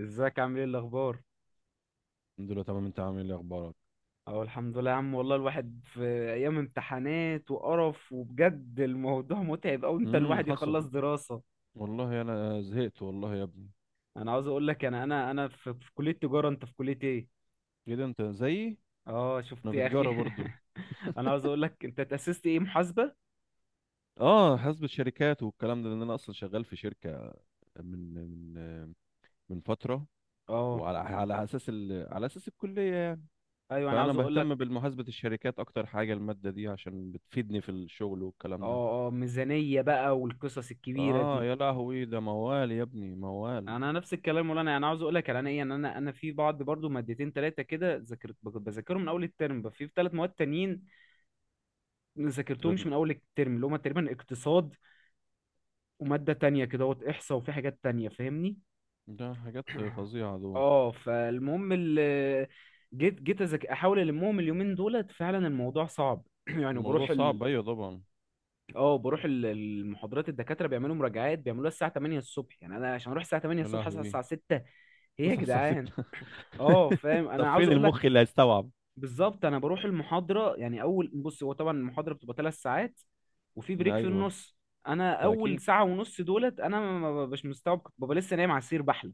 ازيك عامل ايه الاخبار؟ الحمد لله، تمام. انت عامل ايه؟ اخبارك؟ اهو الحمد لله يا عم، والله الواحد في ايام امتحانات وقرف، وبجد الموضوع متعب اوي. انت الواحد يخلص حصل. دراسة. والله انا زهقت، والله يا ابني. انا عاوز اقول لك، انا في كلية تجارة. انت في كلية ايه؟ ايه ده، انت زيي؟ اه انا شفت في يا اخي. تجاره برضو. انا عاوز اقول لك، انت تأسست ايه، محاسبة؟ اه، حاسبة شركات والكلام ده، لان انا اصلا شغال في شركه من من من فتره. اه وعلى على اساس الكليه يعني. ايوه، انا فانا عاوز اقول بهتم لك. بالمحاسبه، الشركات اكتر حاجه، الماده دي عشان بتفيدني في الشغل والكلام ده. اه اه، ميزانية بقى والقصص الكبيرة اه، دي. يا لهوي، ده موال يا ابني، موال. انا نفس الكلام. ولا انا عاوز اقول لك على، انا ايه، ان انا في بعض برضو مادتين ثلاثه كده، ذاكرت بذاكرهم من اول الترم. بقى في ثلاث مواد تانيين تلات م- ذاكرتهمش من اول الترم، اللي هما تقريبا اقتصاد وماده تانية كده، وات احصاء، وفي حاجات تانية فاهمني. ده حاجات فظيعه دول. اه فالمهم ال-، جيت أذاك- احاول، المهم اليومين دولت فعلا الموضوع صعب. يعني الموضوع بروح صعب، ال... ايوه طبعا. اه بروح ال- المحاضرات، الدكاتره بيعملوا مراجعات، بيعملوها الساعه 8 الصبح. يعني انا عشان اروح الساعه 8 يا الصبح اصحى لهوي. الساعه 6. ايه يا تصحى الساعه جدعان. 6؟ اه فاهم، طب انا عاوز فين اقول لك. المخ اللي هيستوعب؟ بالظبط، انا بروح المحاضره. يعني اول بص، هو طبعا المحاضره بتبقى ثلاث ساعات، وفي بريك في ايوه، النص. انا ده اول اكيد. ساعه ونص دولت انا ما ببقاش مستوعب، كنت ببقى لسه نايم على السرير بحلم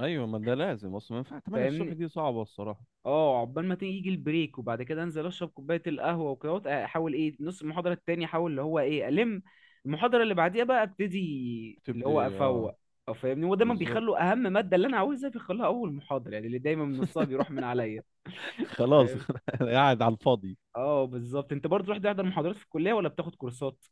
ايوه، ما ده لازم، اصلا ما ينفع 8 الصبح، فاهمني. دي صعبه الصراحه. اه عقبال ما تيجي يجي البريك، وبعد كده انزل اشرب كوبايه القهوه وكده، وأت- احاول ايه نص المحاضره التاني، احاول اللي هو ايه الم المحاضره اللي بعديها بقى، ابتدي اللي هو تبدي، اه. افوق. او فاهمني، هو دايما بالظبط. بيخلوا اهم ماده اللي انا عاوزها بيخلوها اول محاضره، يعني اللي دايما نصها بيروح من عليا. خلاص. قاعد على الفاضي. اه بالظبط. انت برضه رحت تحضر محاضرات في الكليه ولا بتاخد كورسات؟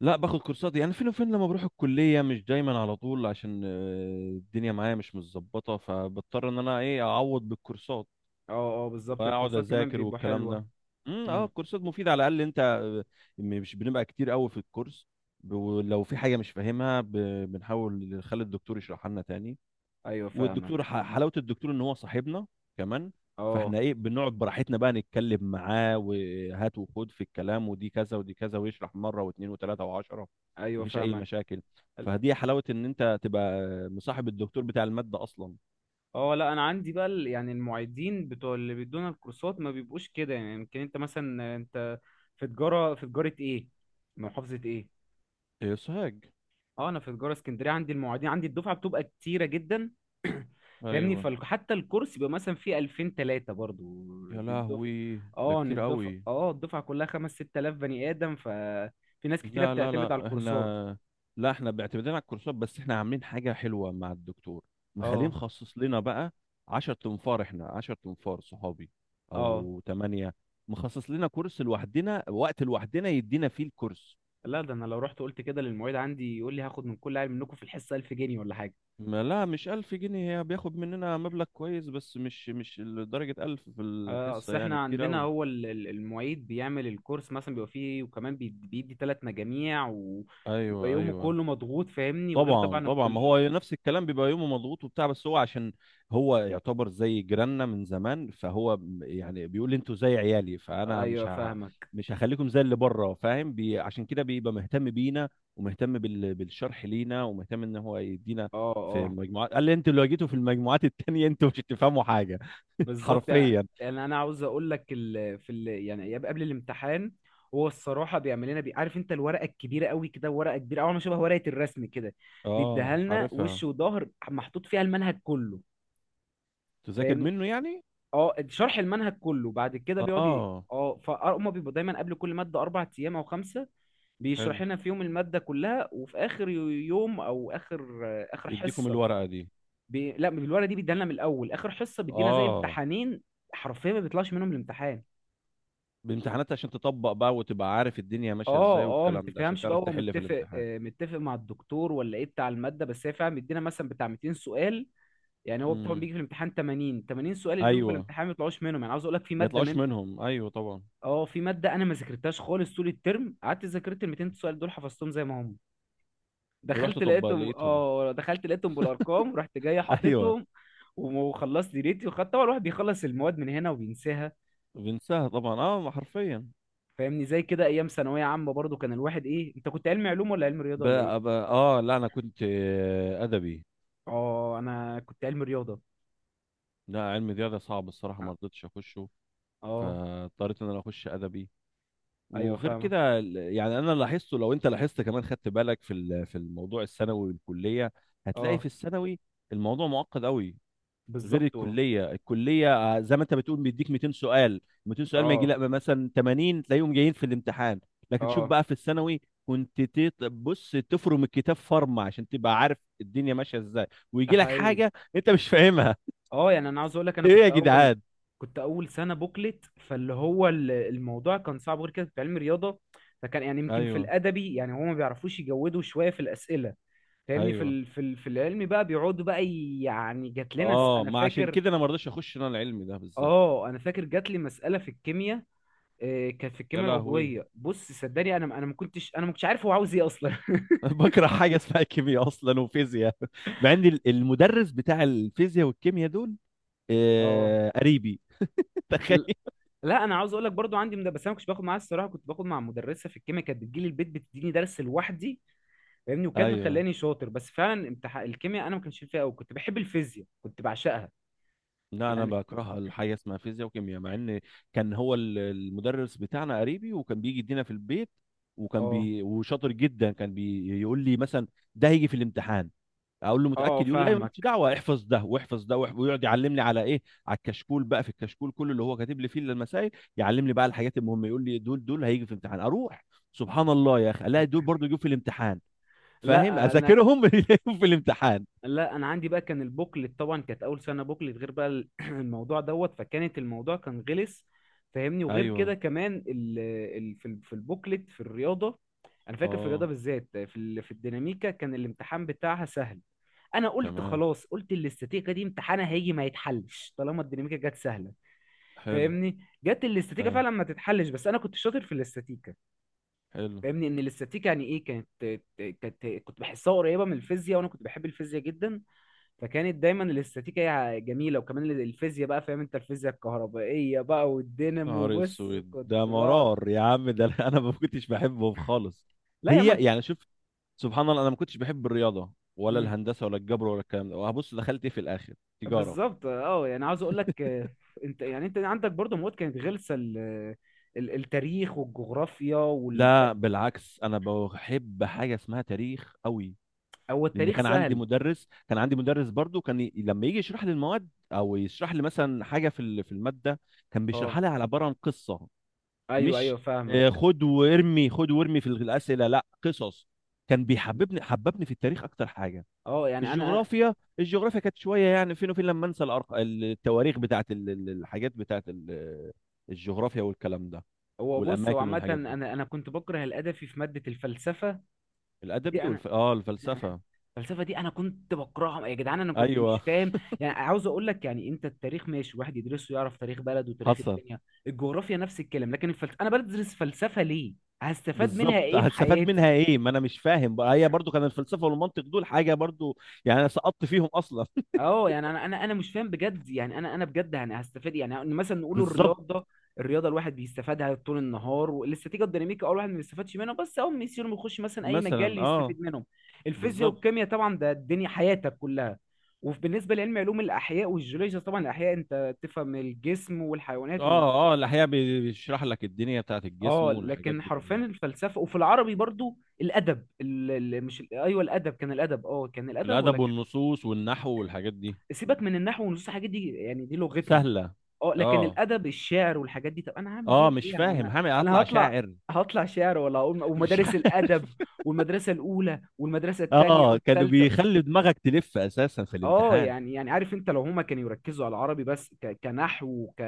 لا، باخد كورسات، يعني فين وفين لما بروح الكليه، مش دايما على طول، عشان الدنيا معايا مش متظبطه، فبضطر ان انا ايه اعوض بالكورسات اه اه بالظبط، واقعد الكورسات كمان اذاكر بيبقوا والكلام حلوه. ده. امم، اه، امم. الكورسات مفيده، على الاقل انت، مش بنبقى كتير قوي في الكورس، ولو في حاجه مش فاهمها، بنحاول نخلي الدكتور يشرحها لنا تاني. ايوه والدكتور فاهمك. حلاوه الدكتور ان هو صاحبنا كمان، اه فاحنا ايه بنقعد براحتنا بقى، نتكلم معاه وهات وخد في الكلام، ودي كذا ودي كذا، ويشرح مره واثنين وثلاثه وعشره. ايوه مفيش اي فاهمك. مشاكل، ال-. فدي حلاوه ان انت تبقى مصاحب الدكتور بتاع الماده اصلا. اه لا، انا عندي بقى ال-، يعني المعيدين بتوع اللي بيدونا الكورسات ما بيبقوش كده. يعني يمكن انت مثلا، انت في تجاره، في تجاره ايه، محافظه ايه؟ إيه، سوهاج. اه انا في تجاره اسكندريه. عندي المعيدين عندي، الدفعه بتبقى كتيره جدا فاهمني. ايوه. فحتى الكورس بيبقى مثلا فيه 2000 3 برضو، يا إن الدفعه، لهوي، ده اه إن كتير الدفعه، قوي. اه الدفعه كلها 5 6000 بني ادم. ففي ناس كتيره لا لا بتعتمد على لا، الكورسات. احنا... لا، احنا بيعتمدين على الكورسات، بس احنا عاملين حاجة حلوة مع الدكتور، مخليه اه مخصص لنا بقى. 10 تنفار، احنا 10 تنفار صحابي اه او 8، مخصص لنا كورس لوحدنا، وقت لوحدنا يدينا فيه الكورس. لا، ده انا لو رحت قلت كده للمعيد عندي يقول لي هاخد من كل عيل منكم في الحصه 1000 جنيه ولا حاجه. ما لا، مش 1000 جنيه، هي بياخد مننا مبلغ كويس، بس مش لدرجة 1000 في اه، الحصة، اصل يعني احنا كتير عندنا قوي. هو ال- ال- المعيد بيعمل الكورس مثلا، بيبقى فيه، وكمان بي- بيدي ثلاث مجاميع، ويبقى ايوه يومه ايوه، كله مضغوط فاهمني، وغير طبعا طبعا طبعا. ما الكل. هو نفس الكلام، بيبقى يومه مضغوط وبتاع، بس هو عشان هو يعتبر زي جيراننا من زمان، فهو يعني بيقول لي انتوا زي عيالي، فانا مش ايوه فاهمك. مش هخليكم زي اللي بره، فاهم. عشان كده بيبقى مهتم بينا، ومهتم بالشرح لينا، ومهتم ان هو يدينا اه في اه مجموعات. قال لي انتوا لو جيتوا في المجموعات التانية انتوا مش هتفهموا حاجة. بالظبط. يعني حرفيا. يعني انا عاوز اقول لك ال... في ال... يعني ايام قبل الامتحان، هو الصراحه بيعمل لنا بي... عارف انت الورقه الكبيره قوي كده، ورقه كبيره اول ما شبه ورقه الرسم كده، بيديها اه، لنا عارفها. وش وظهر، محطوط فيها المنهج كله. تذاكر فاهم. منه يعني. اه، شرح المنهج كله. بعد كده بيقعد ي-، اه، اه فهم بيبقوا دايما قبل كل ماده اربع ايام او خمسه، حلو. بيشرح لنا في يوم الماده كلها، وفي اخر يوم او اخر اخر يديكم حصه الورقة دي. بي... لا، الورقه دي بيديها لنا من الاول. اخر حصه بيدينا زي اه، امتحانين. حرفيا ما بيطلعش منهم الامتحان. بامتحانات عشان تطبق بقى وتبقى عارف الدنيا ماشيه ازاي اه اه، ما والكلام ده، عشان تفهمش بقى، تعرف هو تحل في متفق الامتحان. آه، متفق مع الدكتور ولا ايه بتاع الماده. بس هي فعلا مدينا مثلا بتاع 200 سؤال. يعني هو طبعا امم، بيجي في الامتحان 80 80 سؤال، اللي بيجوا في ايوه. الامتحان ما بيطلعوش منهم. يعني عاوز اقول لك في ما ماده يطلعوش من، منهم، ايوه طبعا. اه في ماده انا ما ذاكرتهاش خالص طول الترم. قعدت ذاكرت ال 200 سؤال دول، حفظتهم زي ما هم. ورحت دخلت طب لقيتهم لقيتهم. اه دخلت لقيتهم بالارقام، ورحت جاي ايوه. حاططهم، وم- وخلصت دنيتي. وخدت طبعا، الواحد بيخلص المواد من هنا وبينساها بنساها طبعا، اه، ما حرفيا. فاهمني. زي كده ايام ثانويه عامه برضو، كان الواحد ايه، انت كنت علمي علوم ولا علمي رياضه ولا ايه؟ بقى اه، لا، انا كنت ادبي. اه انا كنت علم رياضه. لا، علم رياضه صعب الصراحه، ما رضيتش اخشه، اه فاضطريت ان انا اخش ادبي. ايوه وغير فاهمه. كده، يعني انا لاحظته، لو انت لاحظت كمان، خدت بالك في في الموضوع الثانوي والكليه، هتلاقي في اه الثانوي الموضوع معقد قوي. غير بالظبط. الكليه، الكليه زي ما انت بتقول بيديك 200 سؤال. 200 سؤال ما يجي اه لا مثلا 80 تلاقيهم جايين في الامتحان. لكن شوف اه بقى في الثانوي، كنت بص تفرم الكتاب فرمه عشان تبقى عارف الدنيا ماشيه ازاي، ده ويجي لك حقيقي. حاجه انت مش فاهمها. اه يعني انا عاوز اقول لك، انا ايه كنت يا اول جدعان. كنت اول سنه بوكلت، فاللي هو ال- الموضوع كان صعب. غير كده كنت علم رياضه، فكان يعني يمكن في ايوه الادبي يعني هما ما بيعرفوش يجودوا شويه في الاسئله فاهمني. في ايوه. ال... في ال... في العلمي بقى بيقعدوا بقى ي-، يعني جات لنا س... اه، انا ما عشان فاكر. كده انا ما رضيتش اخش انا العلمي ده بالذات. اه انا فاكر جات لي مساله في الكيمياء. كان في يا الكيمياء لهوي. العضويه، بص صدقني، انا ما كنتش، عارف هو عاوز ايه اصلا. بكره حاجه اسمها كيمياء اصلا وفيزياء مع ان المدرس بتاع الفيزياء والكيمياء دول اه قريبي. تخيل. ل- لا انا عاوز اقول لك، برضو عندي مد-، بس انا ما كنتش باخد معاها الصراحه، كنت باخد مع مدرسه في الكيمياء، كانت بتجيلي البيت بتديني درس لوحدي فاهمني. وكانت ايوه. مخلاني شاطر. بس فعلا امتحان الكيمياء انا ما كانش فيها قوي، كنت بحب الفيزياء كنت بعشقها. لا، انا يعني. بكره الحاجه اسمها فيزياء وكيمياء، مع ان كان هو المدرس بتاعنا قريبي، وكان بيجي يدينا في البيت، وكان اه وشاطر جدا، كان بيقول لي مثلا ده هيجي في الامتحان، اقول له اه متاكد؟ يقول لي ايوه مالكش فاهمك. دعوه، احفظ ده واحفظ ده ويقعد يعلمني على ايه، على الكشكول بقى، في الكشكول كله اللي هو كاتب لي فيه المسائل، يعلمني بقى الحاجات المهمه. يقول لي دول دول هيجي في الامتحان، اروح سبحان الله يا اخي الاقي دول برضه يجوا في الامتحان، فاهم، لا انا اذاكرهم يجوا في الامتحان. لا انا عندي بقى، كان البوكلت طبعا كانت اول سنه بوكلت، غير بقى ال-، الموضوع دوت، فكانت الموضوع كان غلس فاهمني. وغير ايوه، كده كمان ال في ال- في البوكلت في الرياضه، انا فاكر في الرياضه اه. بالذات في ال- في الديناميكا، كان الامتحان بتاعها سهل. انا قلت تمام، خلاص، قلت الاستاتيكا دي امتحانها هيجي ما يتحلش طالما الديناميكا جت سهله حلو. فاهمني. جت الاستاتيكا تمام، فعلا ما تتحلش، بس انا كنت شاطر في الاستاتيكا حلو. فاهمني. ان الاستاتيكا يعني ايه كانت كنت بحسها قريبه من الفيزياء، وانا كنت بحب الفيزياء جدا. فكانت دايما الاستاتيكا هي جميله، وكمان الفيزياء بقى. فاهم انت الفيزياء الكهربائيه بقى والدينامو، نهار بص اسود، كنت ده بقعد. مرار يا عم ده. انا ما كنتش بحبهم خالص. لا يا من. هي يعني شوف، سبحان الله انا ما كنتش بحب الرياضه ولا مم. الهندسه ولا الجبر ولا الكلام ده، وهبص دخلت ايه في الاخر؟ تجاره. بالظبط. اه يعني عاوز اقول لك انت، يعني انت عندك برضه مواد كانت غلسه ال... ال- التاريخ والجغرافيا والف... لا بالعكس، انا بحب حاجه اسمها تاريخ قوي، هو لان التاريخ كان عندي سهل. مدرس كان عندي مدرس برضو، كان لما يجي يشرح لي المواد، او يشرح لي مثلا حاجه في في الماده، كان اه بيشرحها لي على عباره عن قصه. ايوه ايوه مش فاهمك. خد وارمي خد وارمي في الاسئله، لا، قصص. كان بيحببني، حببني في التاريخ اكتر حاجه. اه يعني انا. الجغرافيا، الجغرافيا كانت شويه، يعني فين وفين، لما انسى التواريخ بتاعت الحاجات بتاعت الجغرافيا والكلام ده، هو بص، هو والاماكن عامه والحاجات انا دي. انا كنت بكره الادبي في ماده الفلسفه دي. الادبي انا، اه الفلسفه. الفلسفه دي انا كنت بكرهها يا جدعان، انا كنت مش ايوه فاهم. يعني عاوز اقول لك، يعني انت التاريخ ماشي، واحد يدرسه يعرف تاريخ بلده وتاريخ حصل. الدنيا. الجغرافيا نفس الكلام. لكن الفلسفه انا بدرس فلسفه ليه؟ هستفاد منها بالظبط، ايه في هتستفاد حياتي؟ منها ايه؟ ما انا مش فاهم بقى، هي برضو كان الفلسفه والمنطق دول حاجه برضو، يعني انا سقطت فيهم اصلا. اه يعني انا مش فاهم بجد. يعني انا بجد، يعني هستفاد إيه؟ يعني إن مثلا نقول بالظبط. الرياضه. الرياضه الواحد بيستفادها طول النهار. والاستاتيكا الديناميكا اه، الواحد ما بيستفادش منها، بس اول ما يصير يخش مثلا اي مجال مثلا، اه. يستفيد منهم. الفيزياء بالظبط. والكيمياء طبعا ده الدنيا حياتك كلها. وبالنسبه لعلم علوم الاحياء والجيولوجيا طبعا، الاحياء انت تفهم الجسم والحيوانات و... اه اه، الأحياء بيشرح لك الدنيا بتاعت الجسم اه والحاجات لكن دي حرفيا كلها. الفلسفه، وفي العربي برضو الادب ال... ال- مش ال- ايوه الادب، كان الادب ولا الأدب كان. والنصوص والنحو والحاجات دي سيبك من النحو والنصوص، الحاجات دي يعني دي لغتنا. سهلة. اه لكن اه الادب الشعر والحاجات دي، طب انا هعمل اه، بيها مش ايه؟ انا فاهم انا هعمل، انا هطلع هطلع، شاعر؟ هطلع شعر، ولا هقول مش ومدارس عارف. الادب والمدرسه الاولى والمدرسه الثانيه اه، كانوا والثالثه. بيخلي دماغك تلف أساسا في اه الامتحان. يعني يعني عارف انت، لو هما كانوا يركزوا على العربي بس ك... كنحو وك...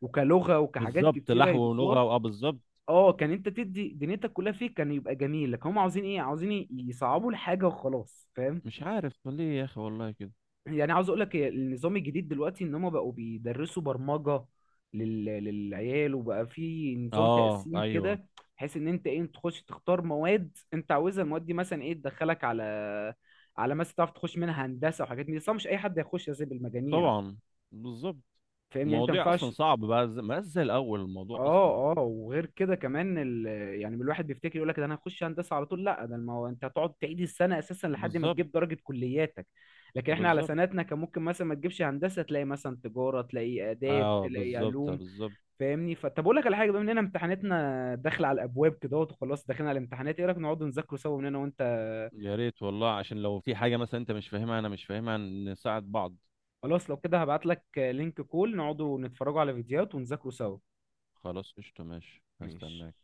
وكلغه وكحاجات بالظبط، كتيره نحو يضيفوها، ولغة اه بالظبط. اه كان انت تدي دنيتك كلها فيه كان يبقى جميل. لكن هما عاوزين ايه، عاوزين ي- يصعبوا الحاجه وخلاص فاهم. مش عارف ليه يا أخي والله كده. يعني عاوز اقول لك إيه، النظام الجديد دلوقتي ان هم بقوا بيدرسوا برمجة لل... للعيال. وبقى في نظام اه تقسيم ايوه، كده، بحيث ان انت ايه تخش تختار مواد انت عاوزها، المواد دي مثلا ايه تدخلك على، على مثلا تعرف تخش منها هندسة وحاجات من دي صح، مش اي حد يخش زي بالمجاميع طبعا. بالظبط. فاهمني. يعني انت ما المواضيع اصلا ينفعش. صعب بقى، زي- ما زي الاول الموضوع اصلا. اه اه، وغير كده كمان ال... يعني الواحد بيفتكر يقول لك ده انا هخش هندسه على طول. لا، ده ما هو انت هتقعد تعيد السنه اساسا لحد ما بالظبط تجيب درجه كلياتك. لكن احنا على بالظبط. سنتنا كان ممكن مثلا ما تجيبش هندسه تلاقي مثلا تجاره، تلاقي اداب، اه تلاقي بالظبط علوم بالظبط. فاهمني. فطب اقول لك على حاجه، بما اننا امتحاناتنا داخله على الابواب كده اهوت وخلاص داخلين على الامتحانات، ايه رايك نقعد نذاكروا سوا من هنا وانت. يا ريت والله، عشان لو في حاجة مثلا انت مش فاهمها انا مش فاهمها، نساعد بعض. خلاص لو كده هبعت لك لينك كول، نقعدوا نتفرجوا على فيديوهات ونذاكروا سوا. خلاص، قشطة، ماشي، ماشي. هستناك.